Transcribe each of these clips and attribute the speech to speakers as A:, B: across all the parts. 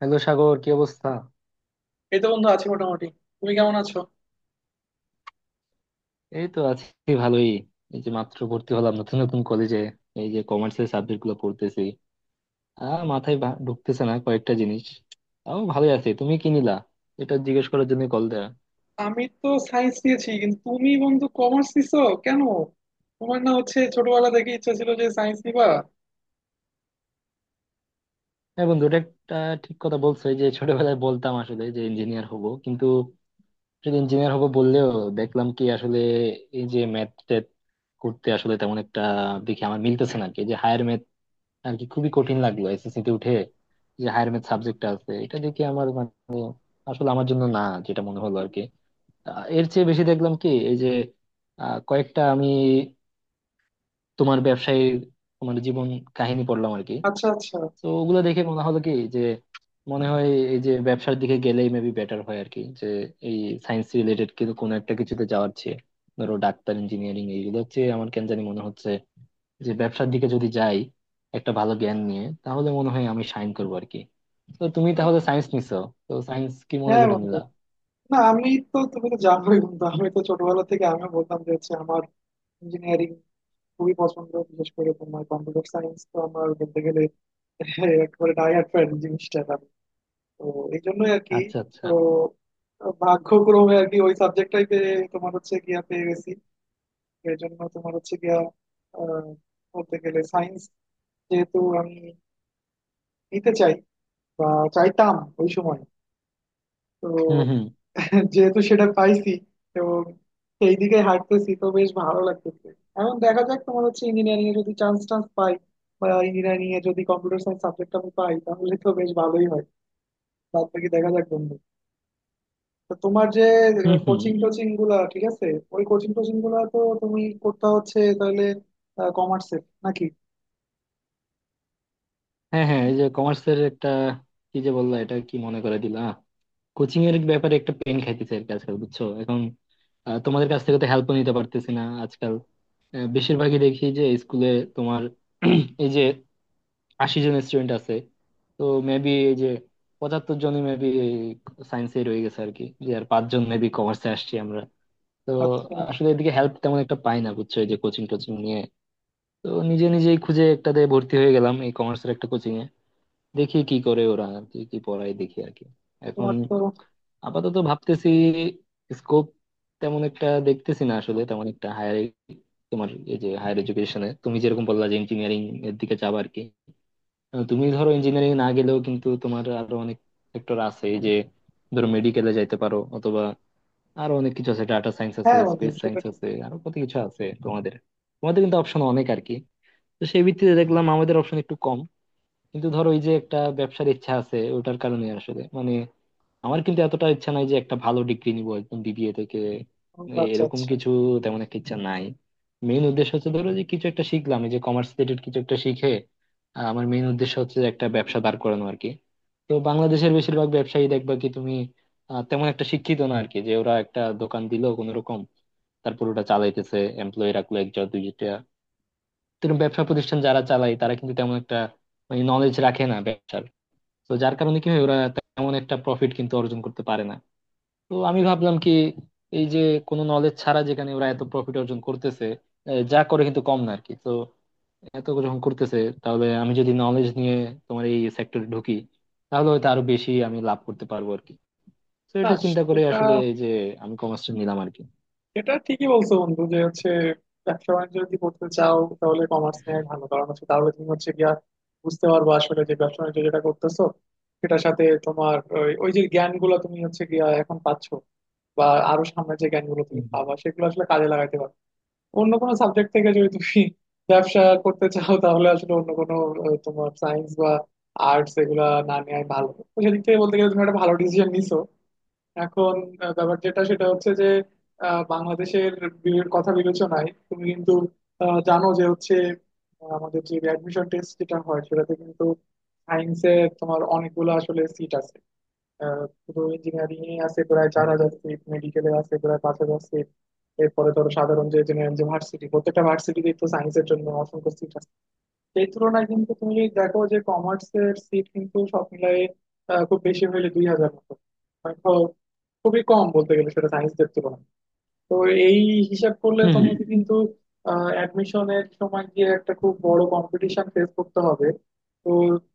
A: Hello Sagar কি অবস্থা
B: এই তো বন্ধু আছি মোটামুটি। তুমি কেমন আছো?
A: এই তো আছি ভালোই। এই যে মাত্র ভর্তি হলাম নতুন নতুন কলেজে, এই যে কমার্সের সাবজেক্ট গুলো পড়তেছি আর মাথায় ঢুকতেছে না কয়েকটা জিনিস। তাও ভালোই আছি, তুমি কি নিলা এটা জিজ্ঞেস করার জন্য কল দেয়া।
B: আমি তো সায়েন্স নিয়েছি, কিন্তু তুমি বন্ধু কমার্স নিছো কেন? তোমার না হচ্ছে ছোটবেলা থেকে ইচ্ছা ছিল যে সায়েন্স নিবা।
A: হ্যাঁ বন্ধু এটা একটা ঠিক কথা বলছো, এই যে ছোটবেলায় বলতাম আসলে যে ইঞ্জিনিয়ার হব কিন্তু, যদি ইঞ্জিনিয়ার হব বললেও দেখলাম কি আসলে এই যে ম্যাথ ট্যাথ করতে আসলে তেমন একটা দেখি আমার মিলতেছে না আর কি, যে হায়ার আর কি খুবই কঠিন লাগলো এসএসসি তে উঠে যে হায়ার ম্যাথ সাবজেক্টটা আছে, এটা দেখে আমার মানে আসলে আমার জন্য না যেটা মনে হলো আর কি। এর চেয়ে বেশি দেখলাম কি এই যে কয়েকটা আমি তোমার ব্যবসায়ীর তোমার জীবন কাহিনী পড়লাম আর কি।
B: আচ্ছা আচ্ছা।
A: তো ওগুলো দেখে মনে হলো কি যে মনে হয় এই যে ব্যবসার দিকে গেলেই মেবি বেটার হয় আর কি, যে এই সায়েন্স রিলেটেড কিন্তু কোনো একটা কিছুতে যাওয়ার চেয়ে ধরো ডাক্তার ইঞ্জিনিয়ারিং এইগুলো হচ্ছে, আমার কেন জানি মনে হচ্ছে যে ব্যবসার দিকে যদি যাই একটা ভালো জ্ঞান নিয়ে তাহলে মনে হয় আমি সাইন করবো আর কি। তো তুমি তাহলে সায়েন্স নিছো, তো সায়েন্স কি মনে
B: হ্যাঁ
A: করে
B: বন্ধু,
A: নিলা।
B: না আমি তো, তুমি তো জানোই বন্ধু, আমি তো ছোটবেলা থেকে আমিও বলতাম যে হচ্ছে আমার ইঞ্জিনিয়ারিং খুবই পছন্দ, বিশেষ করে তোমার কম্পিউটার সায়েন্স তো আমার বলতে গেলে একেবারে ডাই হার্ড ফ্যান জিনিসটা আমি। তো এই জন্যই আর কি।
A: আচ্ছা
B: তো
A: আচ্ছা।
B: ভাগ্যক্রমে আর কি ওই সাবজেক্টটাই পেয়ে তোমার হচ্ছে গিয়া পেয়ে গেছি। এর জন্য তোমার হচ্ছে গিয়া আহ, বলতে গেলে সায়েন্স যেহেতু আমি নিতে চাই বা চাইতাম ওই সময়। তো
A: হুম হুম।
B: যেহেতু সেটা পাইছি, তো সেই দিকে হাঁটতেছি, তো বেশ ভালো লাগতেছে। এখন দেখা যাক, তোমার হচ্ছে ইঞ্জিনিয়ারিং এ যদি চান্স টান্স পাই বা ইঞ্জিনিয়ারিং এ যদি কম্পিউটার সায়েন্স সাবজেক্ট আমি পাই তাহলে তো বেশ ভালোই হয়। বাদ বাকি দেখা যাক বন্ধু। তো তোমার যে
A: হুম হুম।
B: কোচিং টোচিং গুলা ঠিক আছে? ওই কোচিং টোচিং গুলা তো তুমি করতে হচ্ছে তাহলে, কমার্সের নাকি?
A: হ্যাঁ হ্যাঁ এই যে কমার্সের একটা কি যে বললা, এটা কি মনে করে দিলা। কোচিং এর ব্যাপারে একটা পেন খাইতেছে আর কি আজকাল, বুঝছো এখন। তোমাদের কাছ থেকে তো হেল্প নিতে পারতেছি না আজকাল। বেশিরভাগই দেখি যে স্কুলে তোমার এই যে 80 জন স্টুডেন্ট আছে, তো মেবি এই যে 75 জনই মেবি সায়েন্সে রয়ে গেছে আর কি, যে আর পাঁচজন মেবি কমার্সে আসছি আমরা। তো
B: আচ্ছা।
A: আসলে এদিকে হেল্প তেমন একটা পাই না বুঝছো, এই যে কোচিং টোচিং নিয়ে। তো নিজে নিজেই খুঁজে একটাতে ভর্তি হয়ে গেলাম এই কমার্সের একটা কোচিং এ, দেখি কি করে ওরা আর কি কি পড়ায় দেখি আর কি এখন।
B: তোমার তো।
A: আপাতত ভাবতেছি স্কোপ তেমন একটা দেখতেছি না আসলে, তেমন একটা হায়ার তোমার এই যে হায়ার এডুকেশনে তুমি যেরকম বললা যে ইঞ্জিনিয়ারিং এর দিকে যাবা আর কি। তুমি ধরো ইঞ্জিনিয়ারিং না গেলেও কিন্তু তোমার আরো অনেক সেক্টর আছে এই যে, ধরো মেডিকেলে যাইতে পারো অথবা আরো অনেক কিছু আছে, ডাটা সায়েন্স আছে
B: হ্যাঁ বন্ধু
A: স্পেস
B: সেটা
A: সায়েন্স
B: ঠিক।
A: আছে আরো কত কিছু আছে তোমাদের। তোমাদের কিন্তু অপশন অনেক আর কি। তো সেই ভিত্তিতে দেখলাম আমাদের অপশন একটু কম, কিন্তু ধরো এই যে একটা ব্যবসার ইচ্ছা আছে ওটার কারণে আসলে মানে আমার কিন্তু এতটা ইচ্ছা নাই যে একটা ভালো ডিগ্রি নিব একদম বিবিএ থেকে
B: বন্ধু, আচ্ছা
A: এরকম
B: আচ্ছা।
A: কিছু তেমন একটা ইচ্ছা নাই। মেইন উদ্দেশ্য হচ্ছে ধরো যে কিছু একটা শিখলাম, এই যে কমার্স রিলেটেড কিছু একটা শিখে আমার মেইন উদ্দেশ্য হচ্ছে যে একটা ব্যবসা দাঁড় করানো আর কি। তো বাংলাদেশের বেশিরভাগ ব্যবসায়ী দেখবা কি তুমি তেমন একটা শিক্ষিত না আর কি, যে ওরা একটা দোকান দিল কোনো রকম, তারপর ওটা চালাইতেছে, এমপ্লয়ি রাখলো একজন দুইটা। তো এরকম ব্যবসা প্রতিষ্ঠান যারা চালায় তারা কিন্তু তেমন একটা মানে নলেজ রাখে না ব্যবসার, তো যার কারণে কি হয় ওরা তেমন একটা প্রফিট কিন্তু অর্জন করতে পারে না। তো আমি ভাবলাম কি এই যে কোনো নলেজ ছাড়া যেখানে ওরা এত প্রফিট অর্জন করতেছে, যা করে কিন্তু কম না আর কি, তো এত যখন করতেছে তাহলে আমি যদি নলেজ নিয়ে তোমার এই সেক্টরে ঢুকি তাহলে হয়তো আরো বেশি আমি লাভ করতে পারবো আর কি। তো
B: না
A: এটা চিন্তা করে
B: সেটা,
A: আসলে এই যে আমি কমার্সটা নিলাম আর কি।
B: সেটা ঠিকই বলছো বন্ধু যে হচ্ছে ব্যবসা বাণিজ্য যদি করতে চাও তাহলে কমার্স নেওয়াই ভালো, কারণ হচ্ছে তাহলে তুমি হচ্ছে গিয়া বুঝতে পারবো আসলে যে ব্যবসা বাণিজ্য যেটা করতেছো সেটার সাথে তোমার ওই ওই যে জ্ঞান গুলো তুমি হচ্ছে গিয়া এখন পাচ্ছো বা আরো সামনে যে জ্ঞান গুলো তুমি
A: হুম, হুম,
B: পাবা সেগুলো আসলে কাজে লাগাইতে পারবে। অন্য কোনো সাবজেক্ট থেকে যদি তুমি ব্যবসা করতে চাও তাহলে আসলে অন্য কোনো তোমার সায়েন্স বা আর্টস এগুলা না নেওয়াই ভালো। তো সেদিক থেকে বলতে গেলে তুমি একটা ভালো ডিসিশন নিছো। এখন ব্যাপার যেটা সেটা হচ্ছে যে বাংলাদেশের কথা বিবেচনায় তুমি কিন্তু জানো যে হচ্ছে আমাদের যে অ্যাডমিশন টেস্ট যেটা হয় সেটাতে কিন্তু সায়েন্সের তোমার অনেকগুলো আসলে সিট আছে। শুধু ইঞ্জিনিয়ারিং এ আছে প্রায়
A: হুম।
B: 4000 সিট, মেডিকেলে আছে প্রায় 5000 সিট। এরপরে ধরো সাধারণ যে জেনারেল যে ভার্সিটি, প্রত্যেকটা ভার্সিটিতে তো সায়েন্সের জন্য অসংখ্য সিট আছে। সেই তুলনায় কিন্তু তুমি যদি দেখো যে কমার্সের সিট কিন্তু সব মিলাই খুব বেশি হলে 2000 মতো। মানে খুবই কম বলতে গেলে সেটা সায়েন্সদের তুলনায়। তো এই হিসাব করলে
A: হম হম।
B: তোমাকে কিন্তু অ্যাডমিশনের সময় গিয়ে একটা খুব বড় কম্পিটিশন ফেস করতে হবে। তো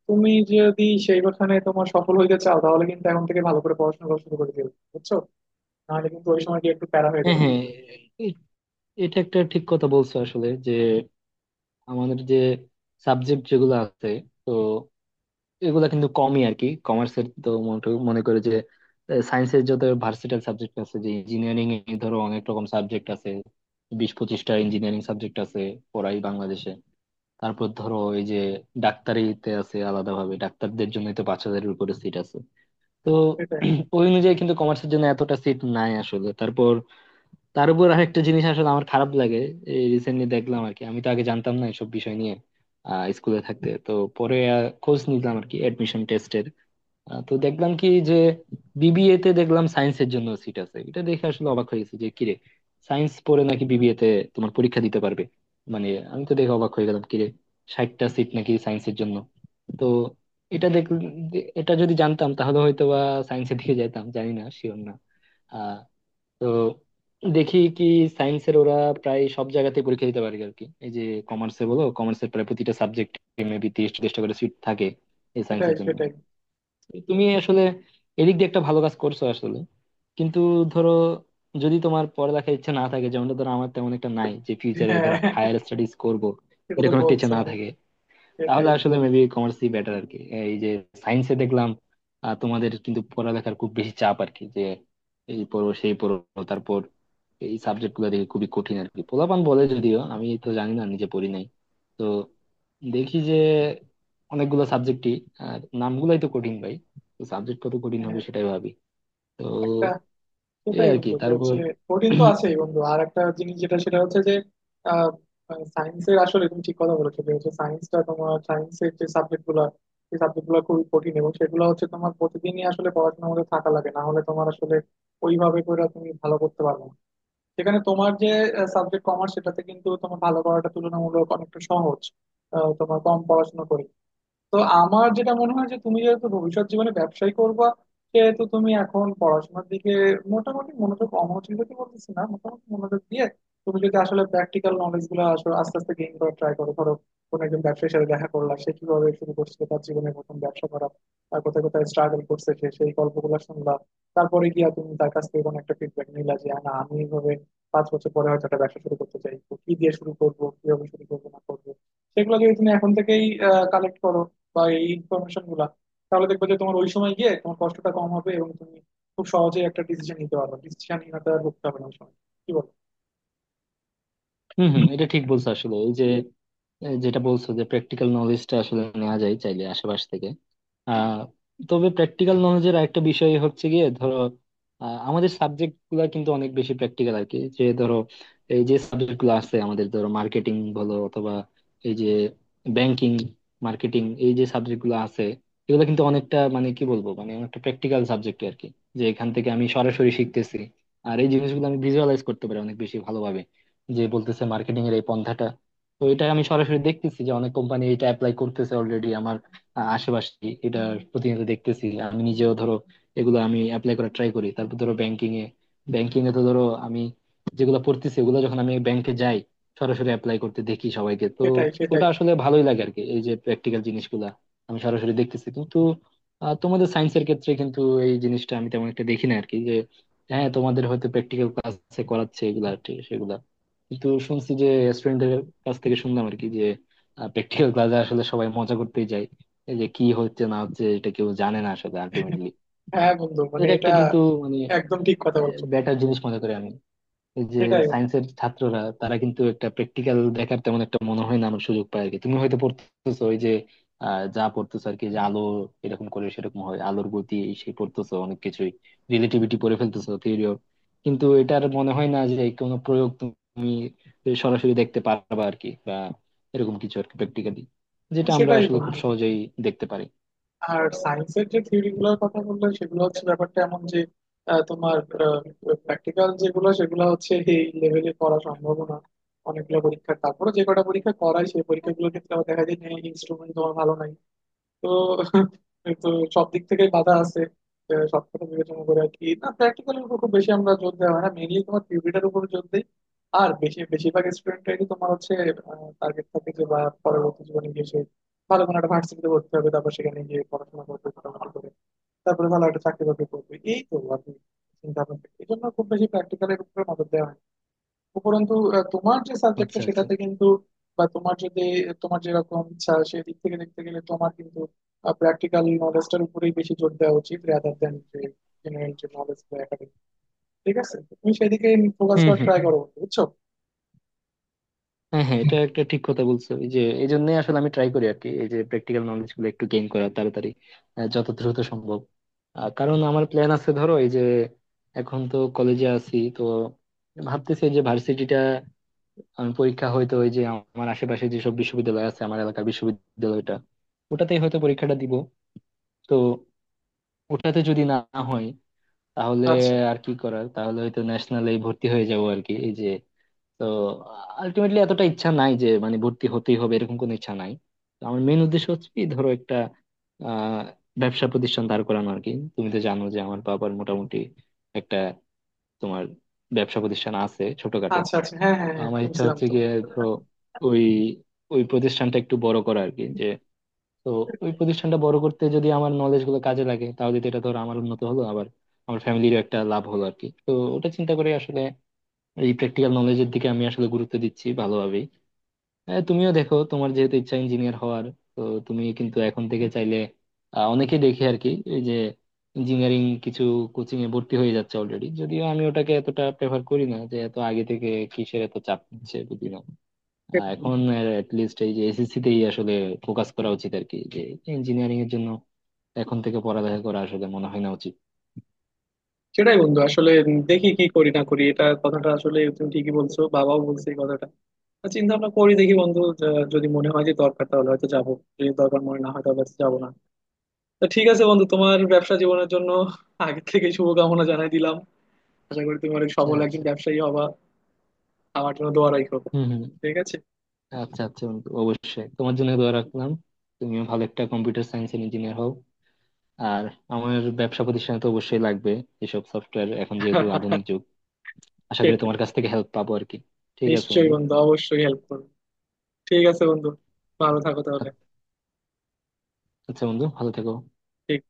B: তুমি যদি সেইখানে তোমার সফল হইতে চাও তাহলে কিন্তু এখন থেকে ভালো করে পড়াশোনা করা শুরু করে দিও, বুঝছো। নাহলে কিন্তু ওই সময় গিয়ে একটু প্যারা হয়ে
A: হ্যাঁ
B: যাবে হ্যাঁ
A: হ্যাঁ
B: কিন্তু।
A: এ- এটা একটা ঠিক কথা বলছো আসলে, যে আমাদের যে সাবজেক্ট যেগুলো আছে, তো এগুলা কিন্তু কমই আর কি কমার্সের তো মনে মনে করে যে সায়েন্সের যত ভার্সেটাইল সাবজেক্ট আছে, যে ইঞ্জিনিয়ারিং এ ধরো অনেক রকম সাবজেক্ট আছে, 20-25টা ইঞ্জিনিয়ারিং সাবজেক্ট আছে পড়াই বাংলাদেশে। তারপর ধরো এই যে ডাক্তারিতে আছে আলাদাভাবে, ডাক্তারদের জন্য তো 5,000-এর উপরে সিট আছে। তো
B: সেটাই
A: ওই অনুযায়ী কিন্তু কমার্সের জন্য এতটা সিট নাই আসলে, তারপর তার উপর আরেকটা জিনিস আসলে আমার খারাপ লাগে, এই রিসেন্টলি দেখলাম আর কি, আমি তো আগে জানতাম না এসব বিষয় নিয়ে আহ স্কুলে থাকতে তো, পরে খোঁজ নিলাম আর কি অ্যাডমিশন তো দেখলাম কি যে বিবিএ তে দেখলাম সায়েন্সের জন্য সিট আছে, এটা দেখে আসলে অবাক হয়ে গেছি যে কিরে সায়েন্স পড়ে নাকি বিবিএ তে তোমার পরীক্ষা দিতে পারবে, মানে আমি তো দেখে অবাক হয়ে গেলাম কিরে 60টা সিট নাকি সায়েন্সের জন্য। তো এটা দেখ এটা যদি জানতাম তাহলে হয়তো বা সায়েন্সের দিকে যেতাম, জানি না শিওর না। আহ তো দেখি কি সায়েন্সের ওরা প্রায় সব জায়গাতে পরীক্ষা দিতে পারে আর কি, এই যে কমার্সে বলো কমার্সের প্রায় প্রতিটা সাবজেক্ট মেবি 30-40টা করে সিট থাকে এই
B: সেটাই
A: সায়েন্সের জন্য।
B: সেটাই।
A: তুমি আসলে এদিক দিয়ে একটা ভালো কাজ করছো আসলে, কিন্তু ধরো যদি তোমার পড়ালেখার ইচ্ছা না থাকে যেমনটা ধরো আমার তেমন একটা নাই, যে ফিউচারে
B: হ্যাঁ
A: ধরো হায়ার স্টাডিজ করব
B: সেটা তো
A: এরকম একটা ইচ্ছা
B: বলছো।
A: না থাকে, তাহলে
B: সেটাই।
A: আসলে মেবি কমার্সই বেটার আর কি। এই যে সায়েন্সে দেখলাম তোমাদের কিন্তু পড়ালেখার খুব বেশি চাপ আর কি, যে এই পড়ো সেই পড়ো, তারপর এই সাবজেক্ট গুলো দেখি খুবই কঠিন আর কি, পোলাপান বলে যদিও আমি তো জানি না নিজে পড়ি নাই। তো দেখি যে অনেকগুলো সাবজেক্টই আর নামগুলাই তো কঠিন ভাই, তো সাবজেক্ট কত কঠিন
B: হ্যাঁ,
A: হবে সেটাই ভাবি। তো
B: একটা
A: এই
B: সেটাই
A: আর কি,
B: বন্ধু যে
A: তারপর
B: হচ্ছে কঠিন তো আছেই বন্ধু। আর একটা জিনিস যেটা সেটা হচ্ছে যে আহ সায়েন্সের আসলে তুমি ঠিক কথা বলেছো যে হচ্ছে সায়েন্সটা তোমার সায়েন্সের যে সাবজেক্ট গুলা, সেই সাবজেক্ট গুলো খুবই কঠিন, এবং সেগুলো হচ্ছে তোমার প্রতিদিনই আসলে পড়াশোনার মধ্যে থাকা লাগে, না হলে তোমার আসলে ওইভাবে করে তুমি ভালো করতে পারবে না। সেখানে তোমার যে সাবজেক্ট কমার্স সেটাতে কিন্তু তোমার ভালো করাটা তুলনামূলক অনেকটা সহজ, তোমার কম পড়াশোনা করে। তো আমার যেটা মনে হয় যে তুমি যেহেতু ভবিষ্যৎ জীবনে ব্যবসায় করবা সেহেতু তুমি এখন পড়াশোনার দিকে মোটামুটি মনোযোগ, অমনোযোগ দিতে বলতেছি না, মোটামুটি মনোযোগ দিয়ে তুমি যদি আসলে প্র্যাকটিক্যাল নলেজ গুলো আসলে আস্তে আস্তে গেইন করার ট্রাই করো। ধরো কোনো একজন ব্যবসায়ীর সাথে দেখা করলা, সে কিভাবে শুরু করছিল তার জীবনে প্রথম ব্যবসা করা, তার কোথায় কোথায় স্ট্রাগল করছে সে, সেই গল্পগুলো শুনলা, তারপরে গিয়া তুমি তার কাছ থেকে কোনো একটা ফিডব্যাক নিলা যে না আমি এইভাবে 5 বছর পরে হয়তো একটা ব্যবসা শুরু করতে চাই, তো কি দিয়ে শুরু করবো, কিভাবে শুরু করবো না করবো, সেগুলো যদি তুমি এখন থেকেই কালেক্ট করো বা এই ইনফরমেশন গুলা, তাহলে দেখবে যে তোমার ওই সময় গিয়ে তোমার কষ্টটা কম হবে এবং তুমি খুব সহজে একটা ডিসিশন নিতে পারবে, ডিসিশনহীনতা আর ভুগতে হবে না ওই সময়। কি বল।
A: হম হম এটা ঠিক বলছো আসলে, এই যে যেটা বলছো যে প্র্যাকটিক্যাল নলেজটা আসলে নেওয়া যায় চাইলে আশেপাশ থেকে আহ, তবে প্র্যাকটিক্যাল নলেজের আরেকটা বিষয় হচ্ছে গিয়ে ধরো আমাদের সাবজেক্ট গুলা কিন্তু অনেক বেশি প্র্যাকটিক্যাল আর কি, যে ধরো এই যে সাবজেক্ট গুলো আছে আমাদের ধরো মার্কেটিং বলো অথবা এই যে ব্যাংকিং মার্কেটিং এই যে সাবজেক্ট গুলো আছে, এগুলো কিন্তু অনেকটা মানে কি বলবো মানে অনেকটা প্র্যাকটিক্যাল সাবজেক্ট আর কি, যে এখান থেকে আমি সরাসরি শিখতেছি। আর এই জিনিসগুলো আমি ভিজুয়ালাইজ করতে পারি অনেক বেশি ভালোভাবে, যে বলতেছে মার্কেটিং এর এই পন্থাটা, তো এটা আমি সরাসরি দেখতেছি যে অনেক কোম্পানি এটা অ্যাপ্লাই করতেছে অলরেডি আশেপাশে এটা প্রতিনিয়ত দেখতেছি আমি নিজেও ধরো এগুলো আমি অ্যাপ্লাই করার ট্রাই করি। তারপর ধরো ব্যাংকিং এ, ব্যাংকিং এ তো ধরো আমি যেগুলো পড়তেছি ওগুলো যখন আমি ব্যাংকে যাই, সরাসরি অ্যাপ্লাই করতে দেখি সবাইকে। তো
B: সেটাই সেটাই।
A: ওটা আসলে ভালোই লাগে আর কি এই যে প্র্যাকটিক্যাল জিনিসগুলা আমি সরাসরি দেখতেছি, কিন্তু তোমাদের সায়েন্সের ক্ষেত্রে কিন্তু এই জিনিসটা আমি তেমন একটা দেখি না আর কি, যে হ্যাঁ তোমাদের হয়তো প্র্যাকটিক্যাল ক্লাসে করাচ্ছে এগুলা আর কি, সেগুলা কিন্তু শুনছি যে স্টুডেন্টদের কাছ থেকে শুনলাম আর কি, যে প্র্যাকটিক্যাল ক্লাসে আসলে সবাই মজা করতেই যায়, এই যে কি হচ্ছে না হচ্ছে এটা কেউ জানে না আসলে আলটিমেটলি।
B: হ্যাঁ বন্ধু মানে
A: এটা একটা
B: এটা
A: কিন্তু মানে
B: একদম ঠিক কথা বলছো। তো
A: বেটার জিনিস মনে করি আমি, এই যে
B: সেটাই বন্ধু,
A: সায়েন্সের ছাত্ররা তারা কিন্তু একটা প্র্যাকটিক্যাল দেখার তেমন একটা মনে হয় না আমার সুযোগ পায় আর কি। তুমি হয়তো পড়তেছো ওই যে যা পড়তেছো আর কি, যে আলো এরকম করে সেরকম হয় আলোর গতি এই সেই পড়তেছো অনেক কিছুই রিলেটিভিটি পড়ে ফেলতেছো থিওরি, কিন্তু এটার মনে হয় না যে কোনো প্রয়োগ তুমি সরাসরি দেখতে পারবা আর কি, বা এরকম কিছু আর কি প্র্যাকটিক্যালি, যেটা আমরা
B: সেটাই
A: আসলে খুব
B: বন্ধু।
A: সহজেই দেখতে পারি।
B: আর সায়েন্সের যে থিওরি গুলোর কথা বললে সেগুলো হচ্ছে ব্যাপারটা এমন যে তোমার প্র্যাকটিক্যাল যেগুলো সেগুলো হচ্ছে এই লেভেলে করা সম্ভব না। অনেকগুলো পরীক্ষা, তারপরে যে কটা পরীক্ষা করায় সেই পরীক্ষাগুলো ক্ষেত্রে আবার দেখা যায় ইনস্ট্রুমেন্ট তোমার ভালো নাই। তো, তো সব দিক থেকে বাধা আছে। সব কথা বিবেচনা করে আর কি না প্র্যাকটিক্যালের উপর খুব বেশি আমরা জোর দেওয়া হয় না, মেইনলি তোমার থিওরিটার উপর জোর দেই। আর বেশিরভাগ স্টুডেন্টরাই তোমার হচ্ছে টার্গেট থাকে যে বা পরবর্তী জীবনে গিয়ে সে ভালো কোনো একটা ভার্সিটিতে ভর্তি হবে, তারপর সেখানে গিয়ে পড়াশোনা করবে ভালো করে, তারপরে ভালো একটা চাকরি বাকরি করবে, এই তো আর কি চিন্তা ভাবনা। এই জন্য খুব বেশি প্র্যাকটিক্যালের উপরে নজর দেওয়া হয় না। উপরন্তু তোমার যে সাবজেক্টটা
A: আচ্ছা আচ্ছা।
B: সেটাতে কিন্তু বা তোমার যদি তোমার যেরকম ইচ্ছা সেদিক থেকে দেখতে গেলে তোমার কিন্তু প্র্যাকটিক্যাল নলেজটার উপরেই বেশি জোর দেওয়া উচিত, রাদার দ্যান যে জেনারেল যে নলেজ বা একাডেমিক। ঠিক আছে, তো তুমি সেদিকে ফোকাস
A: হম
B: করার
A: হম।
B: ট্রাই করো বন্ধু, বুঝছো।
A: হ্যাঁ হ্যাঁ এটা একটা ঠিক কথা বলছো, এই যে এই জন্য আসলে আমি ট্রাই করি আর কি, এই যে প্র্যাকটিক্যাল নলেজ গুলো একটু গেইন করা তাড়াতাড়ি যত দ্রুত সম্ভব। কারণ আমার প্ল্যান আছে, ধরো এই যে এখন তো কলেজে আছি, তো ভাবতেছি এই যে ভার্সিটিটা আমি পরীক্ষা হয়তো ওই যে আমার আশেপাশে যেসব বিশ্ববিদ্যালয় আছে, আমার এলাকার বিশ্ববিদ্যালয়টা ওটাতেই হয়তো পরীক্ষাটা দিব। তো ওটাতে যদি না হয় তাহলে
B: আচ্ছা
A: আর কি করার, তাহলে হয়তো ন্যাশনালে ভর্তি হয়ে যাবো আর কি এই যে। তো আলটিমেটলি এতটা ইচ্ছা নাই যে মানে ভর্তি হতেই হবে এরকম কোনো ইচ্ছা নাই। তো আমার মেন উদ্দেশ্য হচ্ছে কি ধরো একটা আহ, ব্যবসা প্রতিষ্ঠান দাঁড় করানো আর কি। তুমি তো জানো যে আমার বাবার মোটামুটি একটা তোমার ব্যবসা প্রতিষ্ঠান আছে ছোটখাটো।
B: আচ্ছা আচ্ছা, হ্যাঁ হ্যাঁ
A: তো
B: হ্যাঁ
A: আমার ইচ্ছা
B: শুনছিলাম
A: হচ্ছে
B: তো।
A: গিয়ে ধরো ওই ওই প্রতিষ্ঠানটা একটু বড় করা আর কি। যে তো ওই প্রতিষ্ঠানটা বড় করতে যদি আমার নলেজ গুলো কাজে লাগে তাহলে তো এটা ধরো আমার উন্নত হলো, আবার আমার ফ্যামিলিরও একটা লাভ হলো আর কি। তো ওটা চিন্তা করে আসলে এই প্র্যাকটিক্যাল নলেজের দিকে আমি আসলে গুরুত্ব দিচ্ছি ভালোভাবেই। হ্যাঁ তুমিও দেখো তোমার যেহেতু ইচ্ছা ইঞ্জিনিয়ার হওয়ার, তো তুমি কিন্তু এখন থেকে চাইলে অনেকেই দেখি আর কি এই যে ইঞ্জিনিয়ারিং কিছু কোচিং এ ভর্তি হয়ে যাচ্ছে অলরেডি, যদিও আমি ওটাকে এতটা প্রেফার করি না যে এত আগে থেকে কিসের এত চাপ নিচ্ছে বুঝি না। এখন লিস্ট এই যে এসএসসি তেই আসলে ফোকাস করা উচিত আর কি, যে ইঞ্জিনিয়ারিং এর জন্য এখন থেকে পড়ালেখা করা আসলে মনে হয় না উচিত।
B: সেটাই বন্ধু আসলে দেখি কি করি না করি, এটা কথাটা আসলে তুমি ঠিকই বলছো, বাবাও বলছে এই কথাটা। চিন্তা ভাবনা করি দেখি বন্ধু, যদি মনে হয় যে দরকার তাহলে হয়তো যাবো, যদি দরকার মনে না হয় তাহলে হয়তো যাবো না। তো ঠিক আছে বন্ধু, তোমার ব্যবসা জীবনের জন্য আগে থেকে শুভকামনা জানাই দিলাম। আশা করি তুমি অনেক
A: আচ্ছা
B: সফল একজন
A: আচ্ছা।
B: ব্যবসায়ী হবা। আমার জন্য দোয়া রাখো।
A: হম হম।
B: ঠিক আছে।
A: আচ্ছা আচ্ছা বন্ধু, অবশ্যই তোমার জন্য দোয়া রাখলাম। তুমিও ভালো একটা কম্পিউটার সায়েন্স ইঞ্জিনিয়ার হও। আর আমার ব্যবসা প্রতিষ্ঠানে তো অবশ্যই লাগবে এসব সফটওয়্যার, এখন যেহেতু আধুনিক যুগ। আশা করি
B: সেটাই।
A: তোমার কাছ থেকে হেল্প পাবো আর কি। ঠিক আছে
B: নিশ্চয়ই
A: বন্ধু।
B: বন্ধু, অবশ্যই হেল্প করবো। ঠিক আছে বন্ধু, ভালো থাকো তাহলে।
A: আচ্ছা বন্ধু ভালো থেকো।
B: ঠিক